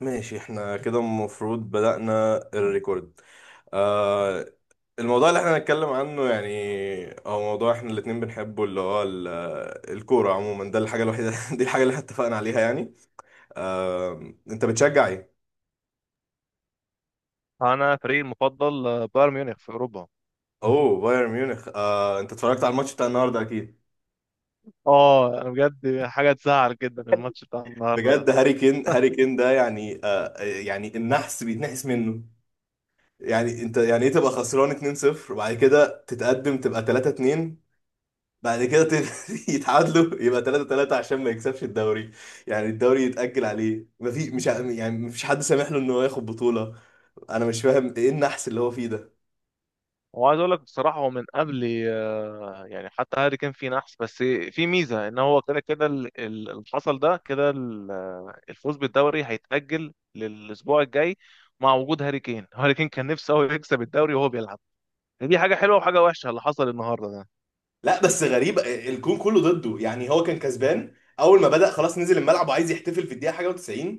ماشي، احنا كده المفروض بدأنا الريكورد. آه، الموضوع اللي احنا هنتكلم عنه يعني هو موضوع احنا الاتنين بنحبه، اللي هو الكورة عموما. ده الحاجة الوحيدة دي الحاجة اللي احنا اتفقنا عليها يعني. آه، انت بتشجع ايه؟ انا فريقي المفضل بايرن ميونخ في اوروبا. اوه، بايرن ميونخ. آه، انت اتفرجت على الماتش بتاع النهارده اكيد. اه انا بجد حاجه تزعل جدا الماتش بتاع النهارده ده. بجد هاري كين، هاري كين ده يعني آه يعني النحس بيتنحس منه. يعني انت يعني ايه تبقى خسران 2-0 وبعد كده تتقدم تبقى 3-2، بعد كده يتعادلوا يبقى 3 3 عشان ما يكسبش الدوري. يعني الدوري يتأجل عليه، ما في مش ع- يعني ما فيش حد سامح له ان هو ياخد بطولة. انا مش فاهم ايه النحس اللي هو فيه ده. وعايز اقول لك بصراحه هو من قبل يعني حتى هاري كان فيه نحس. بس في ميزه ان هو كده كده اللي حصل ده كده الفوز بالدوري هيتاجل للاسبوع الجاي مع وجود هاري كين. هاري كين كان نفسه هو يكسب الدوري وهو بيلعب. دي حاجه حلوه وحاجه وحشه اللي حصل النهارده ده. لا بس غريب، الكون كله ضده. يعني هو كان كسبان، اول ما بدأ خلاص نزل الملعب وعايز يحتفل في الدقيقة حاجة و90،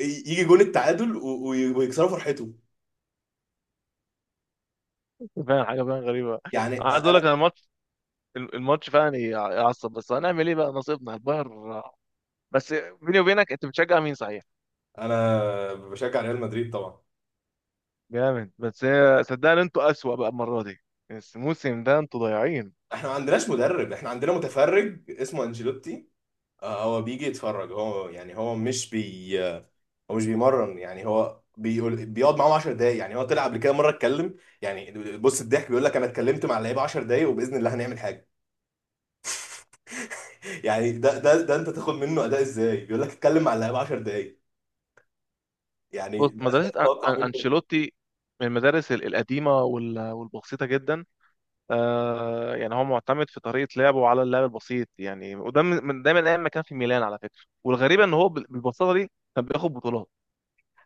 يجي جون التعادل ويكسروا فرحته. فعلا حاجه فعلا غريبه. عايز اقول لك انا، انا الماتش، الماتش فعلا يعصب، بس هنعمل ايه بقى، نصيبنا البايرن. بس بيني وبينك انت بتشجع مين صحيح؟ انا بشجع ريال مدريد طبعا. جامد. بس صدقني انتوا اسوأ بقى المره دي، الموسم ده انتوا ضايعين. احنا ما عندناش مدرب، احنا عندنا متفرج اسمه انشيلوتي. آه، هو بيجي يتفرج، هو يعني هو مش بيمرن. يعني هو بيقول بيقعد معاهم 10 دقايق. يعني هو طلع قبل كده مره اتكلم يعني. بص الضحك، بيقول لك انا اتكلمت مع اللعيبه 10 دقايق وباذن الله هنعمل حاجه. يعني ده انت تاخد منه اداء ازاي بيقول لك اتكلم مع اللعيبه 10 دقايق؟ يعني بص ده مدرسه تتوقع منه إيه؟ انشيلوتي من المدارس القديمه والبسيطه جدا. آه يعني هو معتمد في طريقه لعبه على اللعب البسيط يعني، وده من ده من ايام ما كان في ميلان على فكره. والغريب ان هو بالبساطه دي كان بياخد بطولات.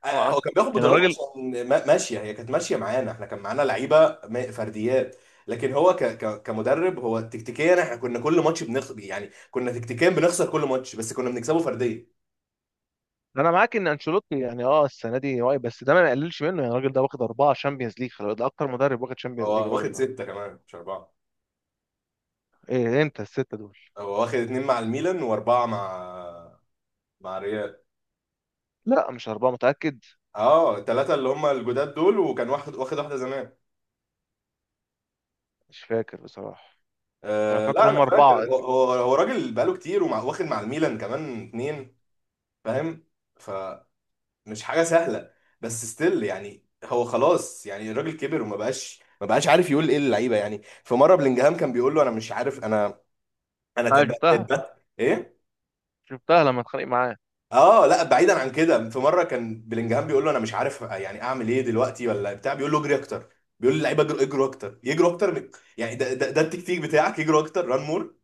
آه، انا آه، هو عارف. كان بياخد يعني بطولات الراجل، عشان ماشيه، هي كانت ماشيه معانا. احنا كان معانا لعيبه فرديات. لكن هو ك ك كمدرب، هو تكتيكيا احنا كنا كل ماتش بنخسر. يعني كنا تكتيكيا بنخسر كل ماتش بس كنا بنكسبه فرديا. انا معاك ان انشيلوتي يعني اه السنه دي واقع، بس ده ما يقللش منه. يعني الراجل ده واخد اربعه شامبيونز ليج، ده اكتر مدرب واخد شامبيونز ليج هو واخد الراجل ده. ستة كمان، مش أربعة. ايه؟ امتى الستة دول؟ هو واخد اتنين مع الميلان وأربعة مع، مع ريال. لا مش أربعة، متأكد. اه التلاتة اللي هم الجداد دول، وكان واخد واحدة زمان. مش فاكر بصراحة. أنا آه فاكر لا، هم أنا أربعة. فاكر، هو راجل بقاله كتير، ومع واخد مع الميلان كمان اتنين. فاهم. فمش حاجة سهلة. بس ستيل، يعني هو خلاص، يعني الراجل كبر وما بقاش ما بقاش عارف يقول ايه للعيبة. يعني في مرة بلينجهام كان بيقول له انا مش عارف، أنا شفتها، ايه. شفتها لما اتخانق معاه. اه لا، بعيدا عن كده، في مره كان بلينجهام بيقول له انا مش عارف يعني اعمل ايه دلوقتي ولا بتاع، بيقول له اجري اكتر. بيقول للعيبه اجروا اكتر، يجروا اكتر من. يعني ده التكتيك بتاعك، يجروا اكتر، ران مور.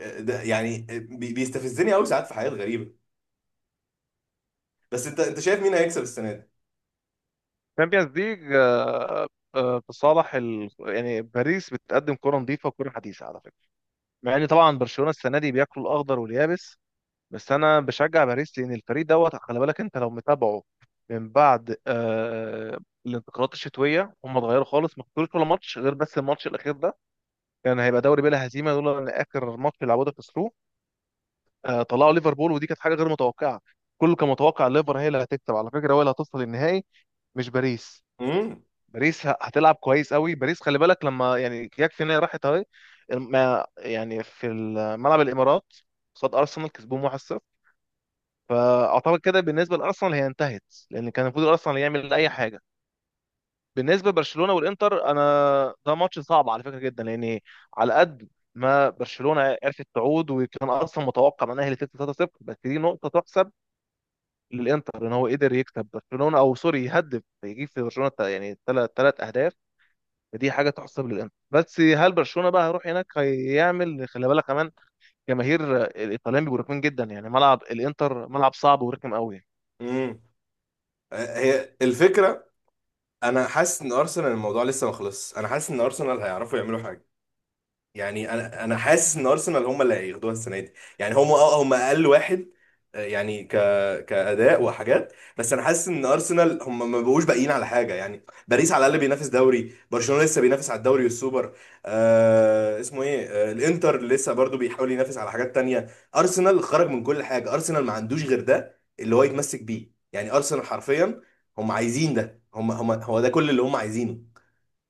آه، ده يعني آه، بيستفزني قوي ساعات في حاجات غريبه. بس انت شايف مين هيكسب السنه دي؟ تشامبيونز ليج، آه، في صالح يعني باريس بتقدم كرة نظيفة وكرة حديثة على فكرة. مع ان طبعا برشلونة السنة دي بياكلوا الأخضر واليابس. بس أنا بشجع باريس لأن الفريق دوت. خلي بالك أنت لو متابعه من بعد الانتقالات الشتوية، هم اتغيروا خالص، ما خسروش ولا ماتش غير بس الماتش الأخير ده. كان يعني هيبقى دوري بلا هزيمة لولا إن آخر ماتش لعبوه ده خسروه. طلعوا ليفربول، ودي كانت حاجه غير متوقعه. كله كان متوقع الليفر هي اللي هتكسب على فكره، هو اللي هتوصل للنهائي، مش باريس. امم. باريس هتلعب كويس قوي. باريس خلي بالك لما يعني يكفي ان هي راحت اهي يعني في ملعب الامارات قصاد ارسنال كسبوهم 1-0. فاعتقد كده بالنسبه لارسنال هي انتهت، لان كان المفروض ارسنال يعمل اي حاجه. بالنسبه لبرشلونه والانتر، انا ده ماتش صعب على فكره جدا، لان على قد ما برشلونه عرفت تعود وكان اصلا متوقع انها هي اللي تكسب 3-0، بس دي نقطه تحسب للانتر ان هو قدر يكسب برشلونه، او سوري يهدف يجيب في برشلونه يعني ثلاث ثلاث اهداف. فدي حاجه تحسب للانتر. بس هل برشلونه بقى هيروح هناك هيعمل، خلي بالك كمان جماهير الايطاليين بيبقوا رخمين جدا. يعني ملعب الانتر ملعب صعب ورخم قوي. امم. هي الفكره، انا حاسس ان ارسنال الموضوع لسه ما خلصش. انا حاسس ان ارسنال هيعرفوا يعملوا حاجه. يعني انا حاسس ان ارسنال هم اللي هياخدوها السنه دي. يعني هم اقل واحد، آه، يعني كاداء وحاجات. بس انا حاسس ان ارسنال ما بقوش باقيين على حاجه. يعني باريس على الاقل بينافس دوري، برشلونه لسه بينافس على الدوري والسوبر. آه اسمه ايه، آه الانتر لسه برضو بيحاول ينافس على حاجات تانية. ارسنال خرج من كل حاجه، ارسنال ما عندوش غير ده اللي هو يتمسك بيه. يعني ارسنال حرفيا هم عايزين ده، هم هم هو ده كل اللي هم عايزينه.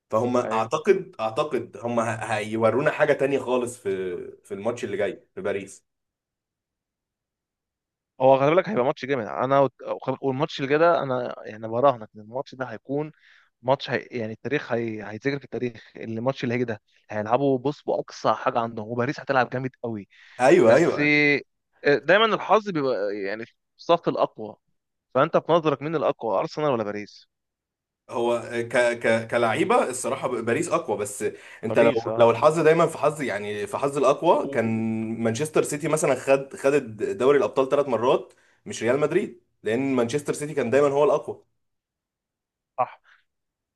فهم ايوه. اعتقد، اعتقد هيورونا حاجه تانية خالص في في الماتش اللي جاي في باريس. هو خلي بالك هيبقى ماتش جامد انا والماتش اللي جاي ده انا يعني براهنك ان الماتش ده هيكون ماتش هي يعني التاريخ هيتذكر في التاريخ الماتش اللي هيجي ده. هيلعبوا بص باقصى حاجه عندهم، وباريس هتلعب جامد قوي. ايوه بس ايوه. دايما الحظ بيبقى يعني في صف الأقوى. فأنت في نظرك مين الأقوى، أرسنال ولا باريس؟ هو ك ك كلعيبه الصراحه باريس اقوى. بس انت لو، باريس لو أه. الحظ، دايما في حظ، يعني في حظ الاقوى. و- كان مانشستر سيتي مثلا خد دوري الابطال ثلاث مرات، مش ريال مدريد، لان مانشستر سيتي كان دايما هو الاقوى. صح.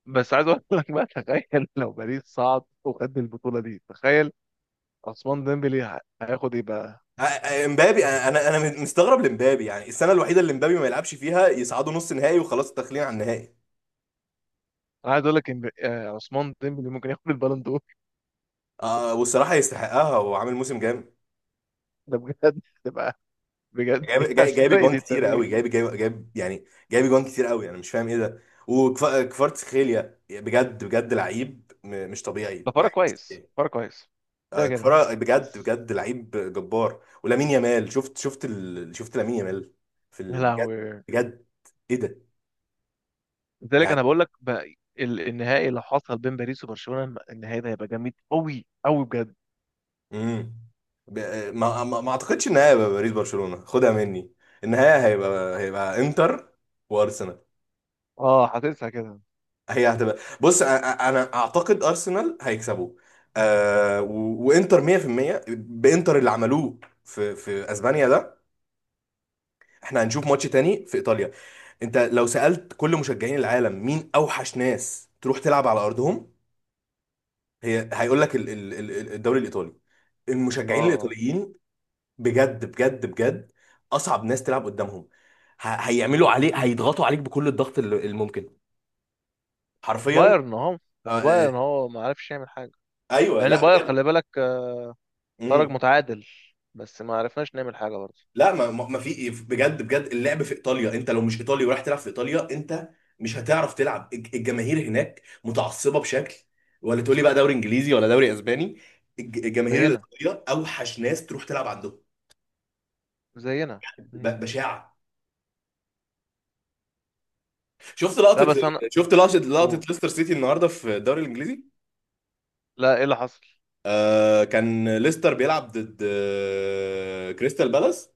بس عايز أقول لك بقى، تخيل لو باريس صعد وخد البطولة دي، تخيل عثمان ديمبلي هياخد إيه بقى؟ امبابي، انا مستغرب لامبابي. يعني السنه الوحيده اللي امبابي ما يلعبش فيها يصعدوا نص نهائي، وخلاص التخليع عن النهائي. أنا عايز أقول لك إن عثمان ديمبلي ممكن ياخد البالون دور. آه، والصراحه يستحقها وعامل موسم جامد. ده بجد تبقى بجد يا جايب سرقة جوان كتيره قوي، التاريخ. جايب يعني، جايب جوان كتير قوي. انا مش فاهم ايه ده. وكفاراتسخيليا بجد بجد لعيب مش طبيعي، ده فرق لعيب مش كويس، طبيعي. فرق كويس. ده آه، كده كفارا بجد بس. بجد لعيب جبار. ولامين يامال، شفت لامين يامال في يا ال...، بجد. لهوي. بجد، ايه ده؟ لذلك يعني. انا بقول لك بقى النهائي لو حصل بين باريس وبرشلونه، النهائي ده هيبقى جامد قوي قوي بجد. امم. ب... ما اعتقدش ان هيبقى باريس برشلونه. خدها مني، النهايه هيبقى انتر وارسنال. اه هتنسى كده. هي هتبقى بص، انا اعتقد ارسنال هيكسبوا، آه وانتر 100% بانتر اللي عملوه في في اسبانيا ده. احنا هنشوف ماتش تاني في ايطاليا. انت لو سالت كل مشجعين العالم مين اوحش ناس تروح تلعب على ارضهم، هي هيقول لك الدوري الايطالي، اه المشجعين آه. الايطاليين. بجد بجد بجد، اصعب ناس تلعب قدامهم. هيعملوا عليك، هيضغطوا عليك بكل الضغط الممكن. حرفيا. بايرن اهو. ما آه، هو آه، بايرن هو ما عرفش يعمل حاجه. ايوه، لان لا بايرن بجد. خلي بالك خرج مم. متعادل، بس ما عرفناش نعمل حاجه برضه. لا، ما في إيه، بجد بجد، اللعب في ايطاليا انت لو مش ايطالي ورايح تلعب في ايطاليا انت مش هتعرف تلعب. الجماهير هناك متعصبه بشكل، ولا تقولي بقى دوري انجليزي ولا دوري اسباني، الجماهير زينا، الايطاليه اوحش ناس تروح تلعب عندهم. زينا. مم. بشاعه. شفت لا لقطه، بس انا. لقطه قول. ليستر سيتي النهارده في الدوري الانجليزي. لا ايه اللي حصل؟ آه، كان ليستر بيلعب ضد آه، كريستال بالاس.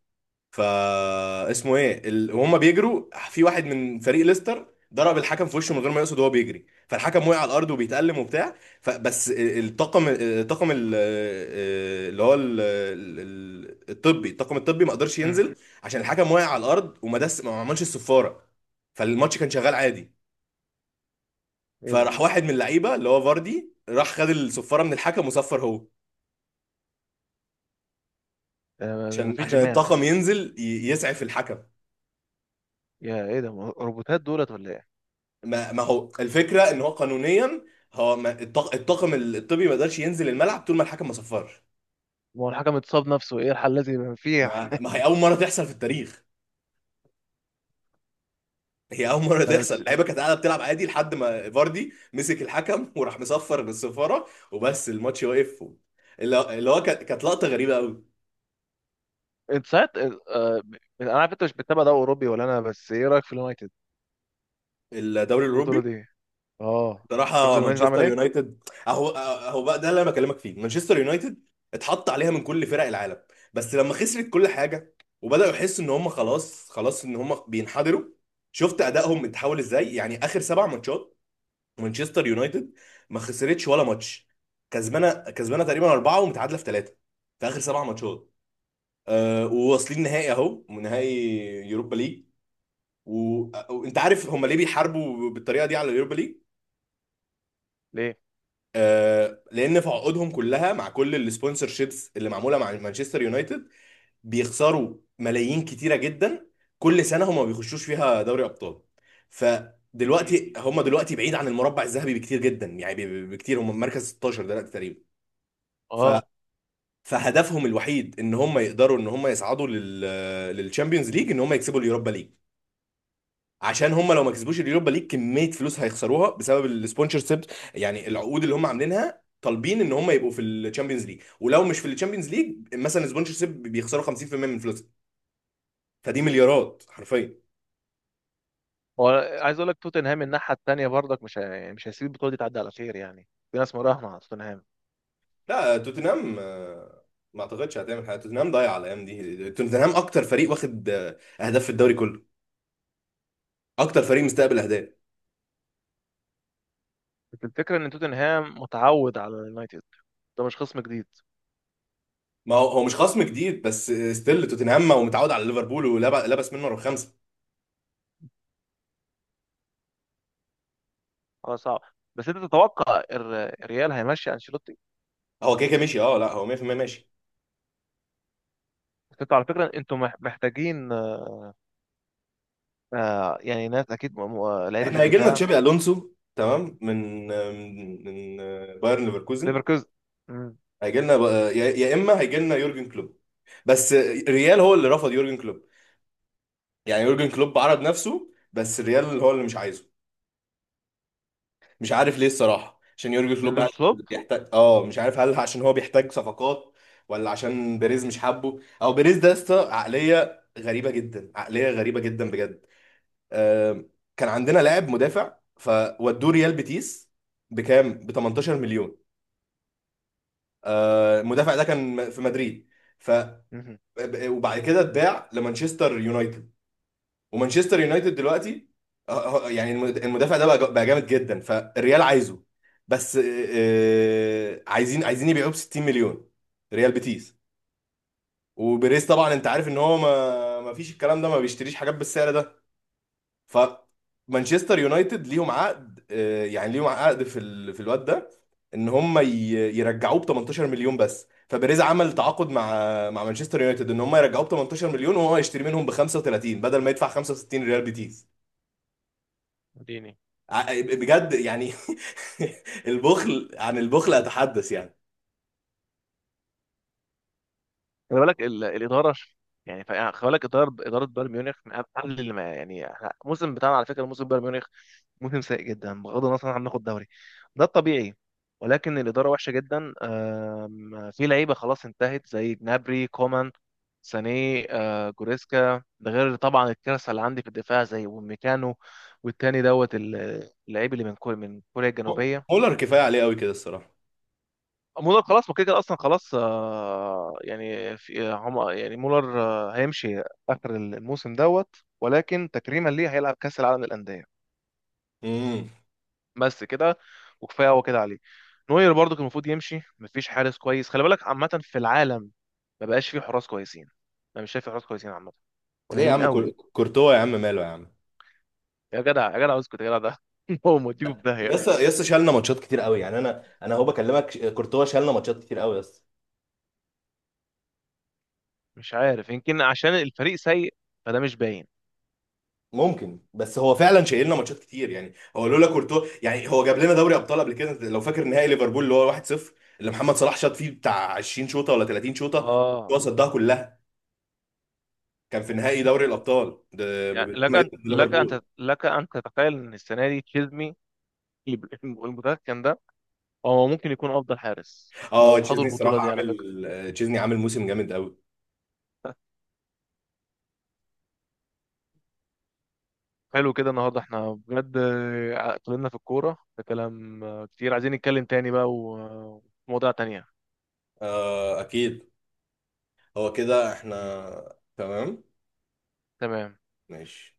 فا اسمه ايه ال...، وهم بيجروا في واحد من فريق ليستر، ضرب الحكم في وشه من غير ما يقصد وهو بيجري. فالحكم وقع على الارض وبيتألم وبتاع. فبس ال- الطاقم الطاقم ال- اللي هو ال- ال- الطبي، الطاقم الطبي ما قدرش مم. ينزل، عشان الحكم وقع على الارض وما دس ما عملش الصفاره. فالماتش كان شغال عادي. ايه ده؟ فراح واحد من اللعيبه اللي هو فاردي، راح خد الصفاره من الحكم وصفر هو، ما فيش عشان دماغ. الطاقم ينزل يسعف الحكم. يا ايه ده؟ روبوتات دولت ولا ايه؟ ما ما هو الفكره ان هو قانونيا، هو ما الطاقم الطبي ما قدرش ينزل الملعب طول ما الحكم ما صفرش. ما هو الحكم اتصاب نفسه، ايه الحل الذي يبقى فيه؟ ما ما هي اول مره تحصل في التاريخ، هي اول مره لا تحصل. بس اللعيبه كانت قاعده بتلعب عادي لحد ما فاردي مسك الحكم وراح مصفر بالصفاره وبس، الماتش واقف. اللي اللي هو كانت لقطه غريبه قوي. انت ساعات انا عارف انت مش بتتابع ده اوروبي ولا انا، بس ايه رايك في اليونايتد الدوري في الاوروبي، البطوله دي؟ اه. شفت بصراحه اليونايتد عمل مانشستر ايه؟ يونايتد، اهو اهو بقى ده اللي انا بكلمك فيه. مانشستر يونايتد اتحط عليها من كل فرق العالم، بس لما خسرت كل حاجه وبداوا يحسوا ان هم خلاص ان هم بينحدروا، شفت ادائهم اتحول ازاي. يعني اخر سبع ماتشات مانشستر يونايتد ما خسرتش ولا ماتش. كسبانه تقريبا اربعه، ومتعادله في ثلاثه، في اخر سبع ماتشات. أه، وواصلين نهائي، اهو نهائي يوروبا ليج. وانت عارف هم ليه بيحاربوا بالطريقه دي على اليوروبا ليج؟ ليه؟ آه، لان في عقودهم كلها مع كل السبونسر شيبس اللي معموله مع مانشستر يونايتد، بيخسروا ملايين كتيره جدا كل سنه هم ما بيخشوش فيها دوري ابطال. اكيد. فدلوقتي هم، دلوقتي بعيد عن المربع الذهبي بكتير جدا. يعني بكتير، هم مركز 16 دلوقتي تقريبا. ف، اه. فهدفهم الوحيد ان هم يقدروا ان هم يصعدوا لل، للشامبيونز ليج ان هم يكسبوا اليوروبا ليج، عشان هم لو ما كسبوش اليوروبا ليج كميه فلوس هيخسروها بسبب السبونسر شيب. يعني العقود اللي هم عاملينها طالبين ان هم يبقوا في الشامبيونز ليج، ولو مش في الشامبيونز ليج مثلا سبونسر شيب بيخسروا 50% من فلوسهم. فدي مليارات حرفيا. هو عايز اقول لك توتنهام الناحيه التانيه برضك مش مش هيسيب البطوله دي تعدي على خير. يعني في ناس مراهنه على توتنهام. لا، توتنهام آه، ما اعتقدش هتعمل حاجه. توتنهام ضايع على الايام دي. توتنهام اكتر فريق واخد آه، اهداف في الدوري كله، اكتر فريق مستقبل اهداف. بس الفكره ان توتنهام متعود على اليونايتد، ده مش خصم جديد. ما هو، هو مش خصم جديد، بس ستيل توتنهام هو متعود على ليفربول ولبس منه رقم خمسه. خلاص صعب. بس انت تتوقع الريال هيمشي انشيلوتي؟ هو كده كده ماشي، اه لا هو 100% ماشي. بس انتوا على فكره انتوا محتاجين آه يعني ناس اكيد لعيبه في احنا هيجي لنا الدفاع. تشابي الونسو، تمام، من بايرن ليفركوزن. ليفركوزن. مم. هيجي لنا بقى، يا يا اما هيجي لنا يورجن كلوب. بس ريال هو اللي رفض يورجن كلوب. يعني يورجن كلوب عرض نفسه بس ريال هو اللي مش عايزه. مش عارف ليه الصراحه، عشان يورجن كلوب يورجن هل كلوب. بيحتاج، اه مش عارف هل عشان هو بيحتاج صفقات، ولا عشان بيريز مش حابه، او بيريز ده يا اسطى عقليه غريبه جدا، عقليه غريبه جدا بجد. آه، كان عندنا لاعب مدافع فودوه ريال بيتيس بكام؟ ب 18 مليون. آه، المدافع ده كان في مدريد، ف، وبعد كده اتباع لمانشستر يونايتد، ومانشستر يونايتد دلوقتي آه، آه، يعني المدافع ده بقى بقى جامد جدا. فالريال عايزه، بس آه، آه، عايزين يبيعوه ب 60 مليون، ريال بيتيس. وبيريز طبعا انت عارف ان هو ما فيش الكلام ده، ما بيشتريش حاجات بالسعر ده. فمانشستر يونايتد ليهم عقد آه، يعني ليهم عقد في ال...، في الواد ده، ان هم ي... يرجعوه ب 18 مليون بس. فبيريز عمل تعاقد مع، مع مانشستر يونايتد ان هم يرجعوه ب 18 مليون وهو يشتري منهم ب 35، بدل ما يدفع 65 ريال بيتيس. اديني. آه، بجد يعني. البخل عن البخل اتحدث يعني. خلي بالك الاداره يعني يعني خلي بالك اداره، اداره بايرن ميونخ من اقل اللي ما يعني الموسم بتاعنا على فكره، موسم بايرن ميونخ موسم سيء جدا بغض النظر عن هناخد دوري، ده الطبيعي. ولكن الاداره وحشه جدا. آم، في لعيبه خلاص انتهت زي جنابري، كومان، ساني، جوريسكا، ده غير طبعا الكارثه اللي عندي في الدفاع زي وميكانو والتاني دوت اللعيب اللي من كوريا، من كوريا الجنوبيه. مولر كفايه عليه قوي كده الصراحه. مولر خلاص ما كده كده اصلا خلاص. يعني في هم يعني مولر هيمشي اخر الموسم دوت، ولكن تكريما ليه هيلعب كاس العالم للانديه. امم. بس كده، وكفايه هو كده عليه. نوير برضو كان المفروض يمشي، مفيش حارس كويس خلي بالك عامه في العالم. ما بقاش فيه حراس كويسين. انا مش شايف في حراس كويسين عامه، ليه يا قليلين عم؟ قوي. كورتوا يا عم، ماله يا عم؟ يا جدع يا جدع اسكت يا جدع ده هو موديكوا في يس داهيه. يس، شالنا ماتشات كتير قوي. يعني انا انا هو بكلمك كورتوا شالنا ماتشات كتير قوي، يس. مش عارف يمكن عشان الفريق سيء، فده مش باين. ممكن، بس هو فعلا شايل لنا ماتشات كتير. يعني هو لولا كورتوا، يعني هو جاب لنا دوري ابطال قبل كده، لو فاكر نهائي ليفربول اللي هو 1-0 اللي محمد صلاح شاط فيه بتاع 20 شوطه ولا 30 شوطه، هو اه صدها كلها. كان في نهائي دوري الابطال ده يعني لك لما أن، يكسب لك أن ليفربول. لك أن تتخيل إن السنة دي تشيزني المتمكن ده هو ممكن يكون أفضل حارس اه لو خدوا تشيزني البطولة الصراحه دي على فكرة. عامل آه، تشيزني عامل موسم جامد قوي. حلو كده النهاردة احنا بجد اتكلمنا في الكورة ده كلام كتير، عايزين نتكلم تاني بقى ومواضيع تانية. آه اكيد. هو كده احنا تمام. تمام. ماشي.